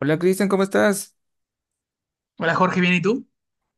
Hola Cristian, ¿cómo estás? Hola Jorge, ¿bien y tú?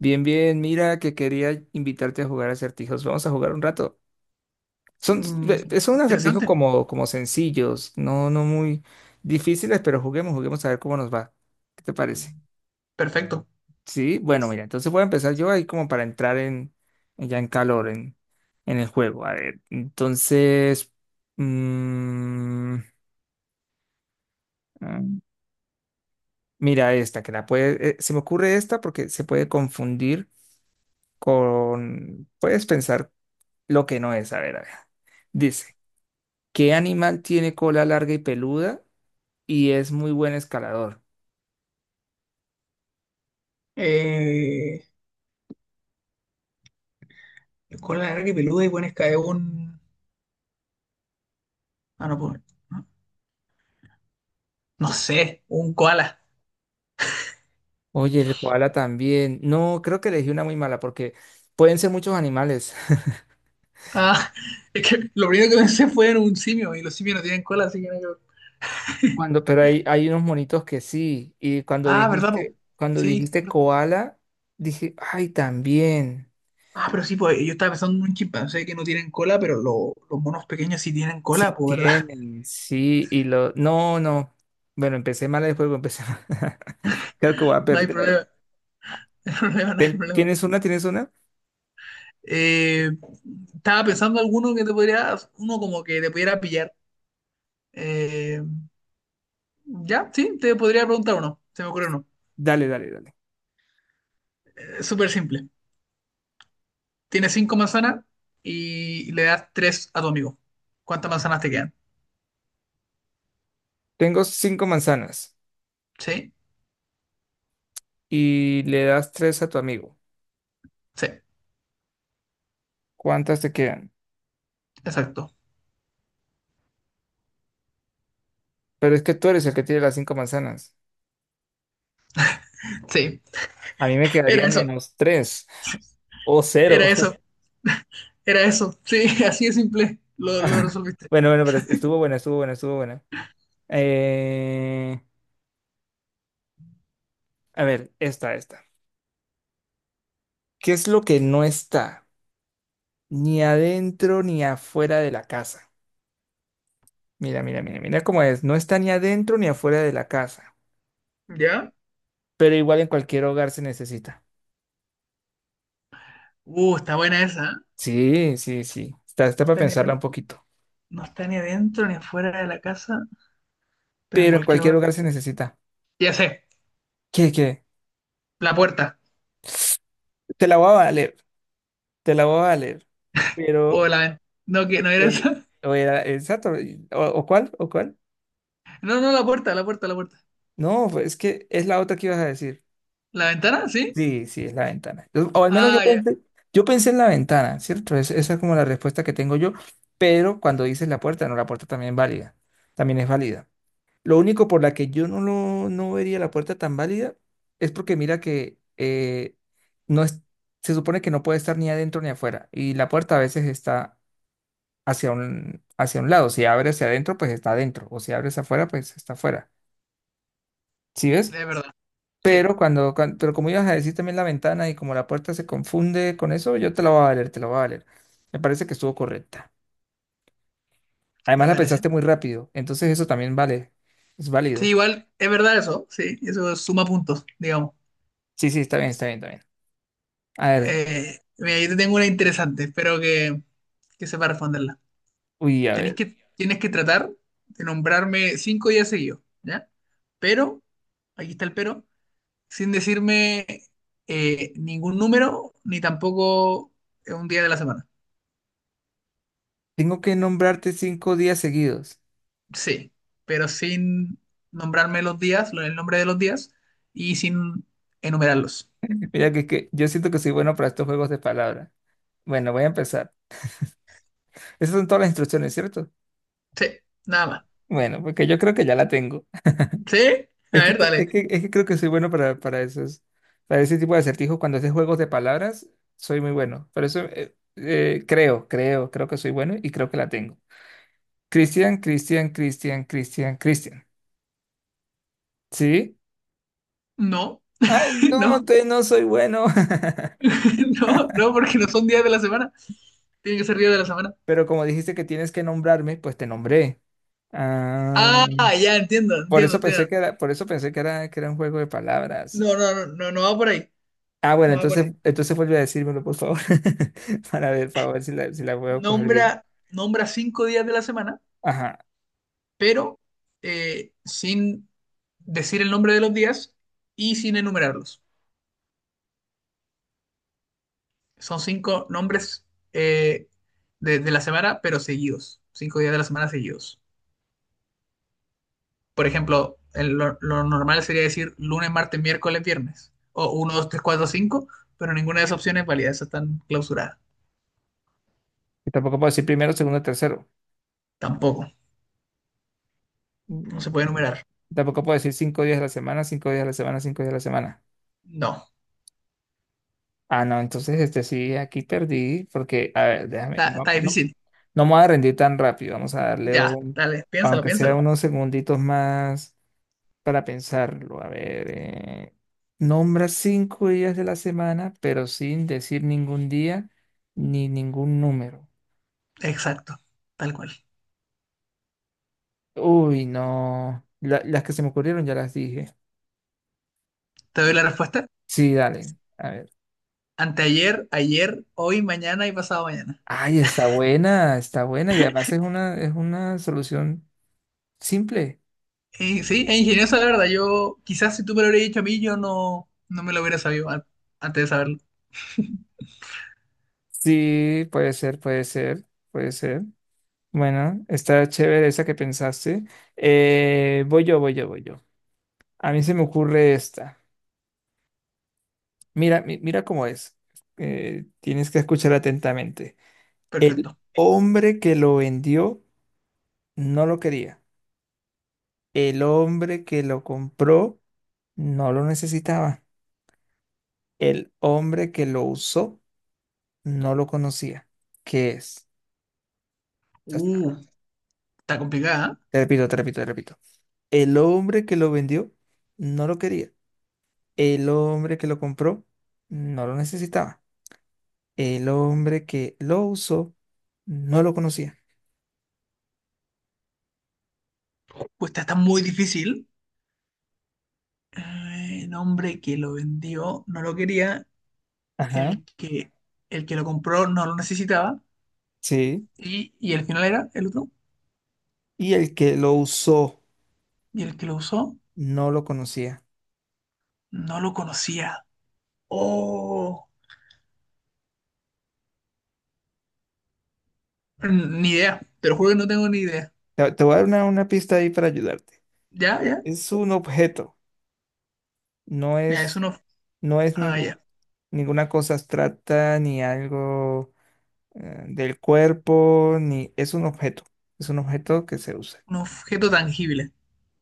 Bien, bien, mira que quería invitarte a jugar acertijos. Vamos a jugar un rato. Son, Mm, son acertijos Interesante, como sencillos, no muy difíciles, pero juguemos, juguemos a ver cómo nos va. ¿Qué te parece? perfecto. Sí, bueno, mira, entonces voy a empezar yo ahí como para entrar ya en calor en el juego. A ver, entonces, mm, ah, mira esta, que la puede, se me ocurre esta porque se puede confundir con, puedes pensar lo que no es, a ver, a ver. Dice, ¿qué animal tiene cola larga y peluda y es muy buen escalador? Eh, el koala larga y peluda y pones cae un. Ah, no, pues, no no sé, un koala. Oye, el koala también. No, creo que elegí una muy mala porque pueden ser muchos animales. Ah, es que lo primero que pensé fue en un simio y los simios no tienen cola, así que no hay que ver. Cuando, pero hay unos monitos que sí. Y cuando Ah, ¿verdad, po? dijiste, cuando Sí, es dijiste verdad. koala, dije, ay, también. Ah, pero sí, pues yo estaba pensando en un chimpancé que no tienen cola, pero los monos pequeños sí tienen Sí cola, pues, ¿verdad? tienen, sí. Y lo, no, no. Bueno, empecé mal el juego, empecé mal. Creo que voy a No hay problema, perder. no hay problema, no hay problema. ¿Tienes una? ¿Tienes una? Eh, Estaba pensando alguno que te podría, uno como que te pudiera pillar. Eh, Ya, sí, te podría preguntar uno. Se me ocurre uno. Dale, dale, dale. Súper simple. Tienes cinco manzanas y le das tres a tu amigo. ¿Cuántas manzanas te quedan? Tengo cinco manzanas ¿Sí? y le das tres a tu amigo. Sí, ¿Cuántas te quedan? exacto. Pero es que tú eres el que tiene las cinco manzanas. Sí, A mí me era quedarían eso, menos tres o cero. era eso, era eso. Sí, así de simple. Lo resolviste. Bueno, bueno, pero estuvo buena, estuvo buena, estuvo buena. Eh, a ver, esta. ¿Qué es lo que no está ni adentro ni afuera de la casa? Mira, mira, mira, mira cómo es. No está ni adentro ni afuera de la casa, ¿Ya? pero igual en cualquier hogar se necesita. Está buena esa, ¿eh? Sí, sí, sí. Está No para está ni, pensarla un poquito. no está ni adentro ni afuera de la casa, pero en Pero en cualquier cualquier lugar. lugar se necesita. Ya sé, ¿Qué, qué? la puerta. Te la voy a valer, te la voy a valer. O Pero, la ventana. No, que no era eh, esa. o era, exacto, o cuál, o cuál. No, no, la puerta, la puerta, la puerta. No, pues es que es la otra que ibas a decir. ¿La ventana? ¿Sí? Sí, sí, es la ventana. O al menos Ah, ya. Yo pensé en la ventana, ¿cierto? Esa es como la respuesta que tengo yo, pero cuando dices la puerta, no, la puerta también es válida, también es válida. Lo único por la que yo no lo no vería la puerta tan válida es porque mira que no es, se supone que no puede estar ni adentro ni afuera. Y la puerta a veces está hacia un lado. Si abre hacia adentro, pues está adentro. O si abres afuera, pues está afuera. ¿Sí ves? Es verdad. Sí, Pero pero como ibas a decir también la ventana y como la puerta se confunde con eso, yo te la voy a valer, te la voy a valer. Me parece que estuvo correcta. Además me la parece. pensaste muy rápido. Entonces eso también vale. Es Sí, válido. igual es verdad eso, sí, eso suma puntos, digamos. Sí, sí, está bien, está bien, está bien. A ver. Mira, yo te tengo una interesante, espero que sepa responderla. Uy, a Tenés ver. que, tienes que tratar de nombrarme 5 días seguidos, ¿ya? Pero, aquí está el pero, sin decirme ningún número, ni tampoco un día de la semana. Tengo que nombrarte cinco días seguidos. Sí, pero sin nombrarme los días, el nombre de los días, y sin enumerarlos. Mira que yo siento que soy bueno para estos juegos de palabras. Bueno, voy a empezar. Esas son todas las instrucciones, ¿cierto? Sí, nada más. Bueno, porque yo creo que ya la tengo. ¿Sí? A Es ver, dale. Que creo que soy bueno para esos, para ese tipo de acertijos. Cuando es de juegos de palabras, soy muy bueno. Por eso creo que soy bueno y creo que la tengo. Cristian, Cristian, Cristian, Cristian, Cristian. ¿Sí? No, Ay, no, no, te no soy bueno. no, no, porque no son días de la semana. Tienen que ser días de la semana. Pero como dijiste que tienes que nombrarme, pues te nombré. Ah, Ah, ya entiendo, entiendo, entiendo. Por eso pensé que era un juego de palabras. No, no, no, no, no va por ahí. Ah, bueno, No va por entonces, ahí. entonces vuelve a decírmelo, por favor, para ver si la, si la puedo coger bien. Nombra, nombra 5 días de la semana, Ajá. pero sin decir el nombre de los días y sin enumerarlos. Son cinco nombres eh, de la semana, pero seguidos. 5 días de la semana seguidos. Por ejemplo, lo normal sería decir lunes, martes, miércoles, viernes, o uno 2 3 4 cinco, pero ninguna de esas opciones es válida, esas están clausuradas. Y tampoco puedo decir primero, segundo, tercero. Tampoco, Mm, no se puede enumerar. Tampoco puedo decir cinco días a la semana, cinco días a la semana, cinco días a la semana. No, Ah, no, entonces este sí, aquí perdí, porque, a ver, está, está no, difícil. no me voy a rendir tan rápido, vamos a darle Ya, un, dale, piénsalo, aunque sea piénsalo. unos segunditos más. Para pensarlo, a ver, nombra cinco días de la semana, pero sin decir ningún día ni ningún número. Exacto, tal cual. Uy, no. Las que se me ocurrieron ya las dije. Te doy la respuesta. Sí, dale. A ver. Anteayer, ayer, hoy, mañana y pasado mañana. Ay, está buena, está buena. Y además es una solución simple. Y sí, es ingenioso la verdad. Yo, quizás si tú me lo hubieras dicho a mí, yo no me lo hubiera sabido antes de saberlo. Sí, puede ser, puede ser, puede ser. Bueno, está chévere esa que pensaste. Voy yo, voy yo, voy yo. A mí se me ocurre esta. Mira, mira cómo es. Tienes que escuchar atentamente. El Perfecto. hombre que lo vendió no lo quería. El hombre que lo compró no lo necesitaba. El hombre que lo usó no lo conocía. ¿Qué es? Te Uh, Está complicada. repito, te repito, te repito. El hombre que lo vendió no lo quería. El hombre que lo compró no lo necesitaba. El hombre que lo usó no lo conocía. ¿Eh? Pues esta está muy difícil. El hombre que lo vendió no lo quería, Ajá. el que, el que lo compró no lo necesitaba, Sí. y el final era el otro, Y el que lo usó y el que lo usó no lo conocía. no lo conocía. Oh, ni idea, te lo juro que no tengo ni idea. Te voy a dar una pista ahí para ayudarte. Ya, ya, Es un objeto, no ya, es es, un, ob- no es ah, ningún, ya, ninguna cosa abstracta ni algo del cuerpo, ni es un objeto, es un objeto que se usa. un objeto tangible.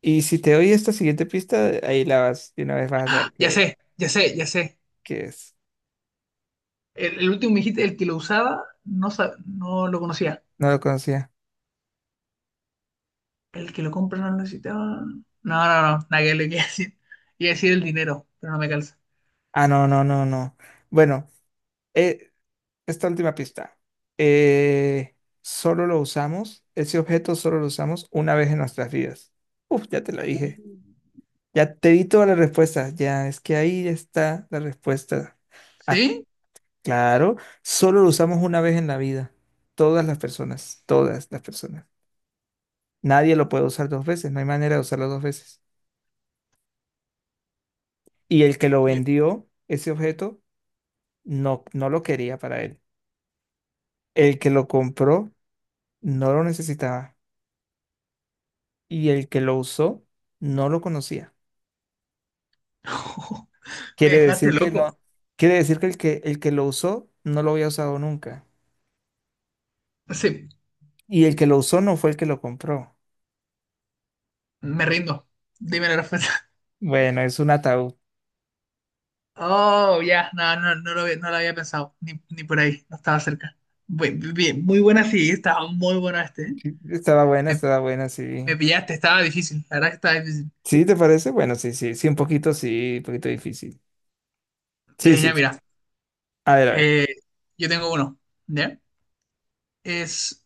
Y si te doy esta siguiente pista, ahí la vas, de una vez vas a saber Ya sé, ya sé, ya sé. qué es. El último me dijiste, el que lo usaba no, no lo conocía. No lo conocía. El que lo compra no lo necesitaba. No, no, no, nada que le quería decir. Iba a decir el dinero, pero no me calza. Ah, no, no, no, no. Bueno, eh, esta última pista. Eh, solo lo usamos, ese objeto solo lo usamos una vez en nuestras vidas. Uf, ya te lo dije. Mm. Ya te di todas las respuestas. Ya es que ahí está la respuesta. Ah, ¿Sí? claro, solo lo usamos una vez en la vida. Todas las personas, todas las personas. Nadie lo puede usar dos veces, no hay manera de usarlo dos veces. Y el que lo Y- vendió, ese objeto, no lo quería para él. El que lo compró, no lo necesitaba. Y el que lo usó no lo conocía. Me Quiere dejaste decir que loco. no, quiere decir que el el que lo usó no lo había usado nunca. Sí, Y el que lo usó no fue el que lo compró. me rindo. Dime la respuesta. Bueno, es un ataúd. Oh, ya, no, no, no lo había pensado, ni por ahí, no estaba cerca. Bien, muy buena, sí, estaba muy buena este, ¿eh? Sí, estaba buena, Me, estaba buena, sí. me pillaste, estaba difícil, la verdad que estaba difícil. ¿Sí te parece? Bueno, sí, sí, sí, un poquito difícil. Sí, sí, Ya, sí. mira, A ver, a ver. eh, yo tengo uno, ¿ya? Es,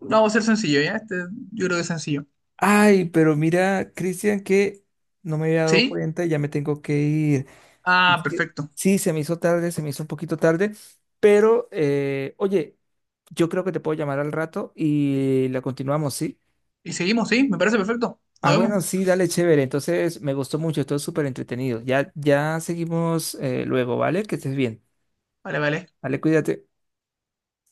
Vamos a ser sencillo, ¿ya? Yo creo que es sencillo. Ay, pero mira, Cristian, que no me había dado ¿Sí? cuenta y ya me tengo que ir. Ah, Es que perfecto. sí, se me hizo tarde, se me hizo un poquito tarde, pero oye, yo creo que te puedo llamar al rato y la continuamos, ¿sí? Y seguimos, ¿sí? Me parece perfecto. Nos Ah, vemos. bueno, sí, dale, chévere. Entonces, me gustó mucho, estuvo súper entretenido. Ya, ya seguimos luego, ¿vale? Que estés bien. Vale, vale. Dale, cuídate.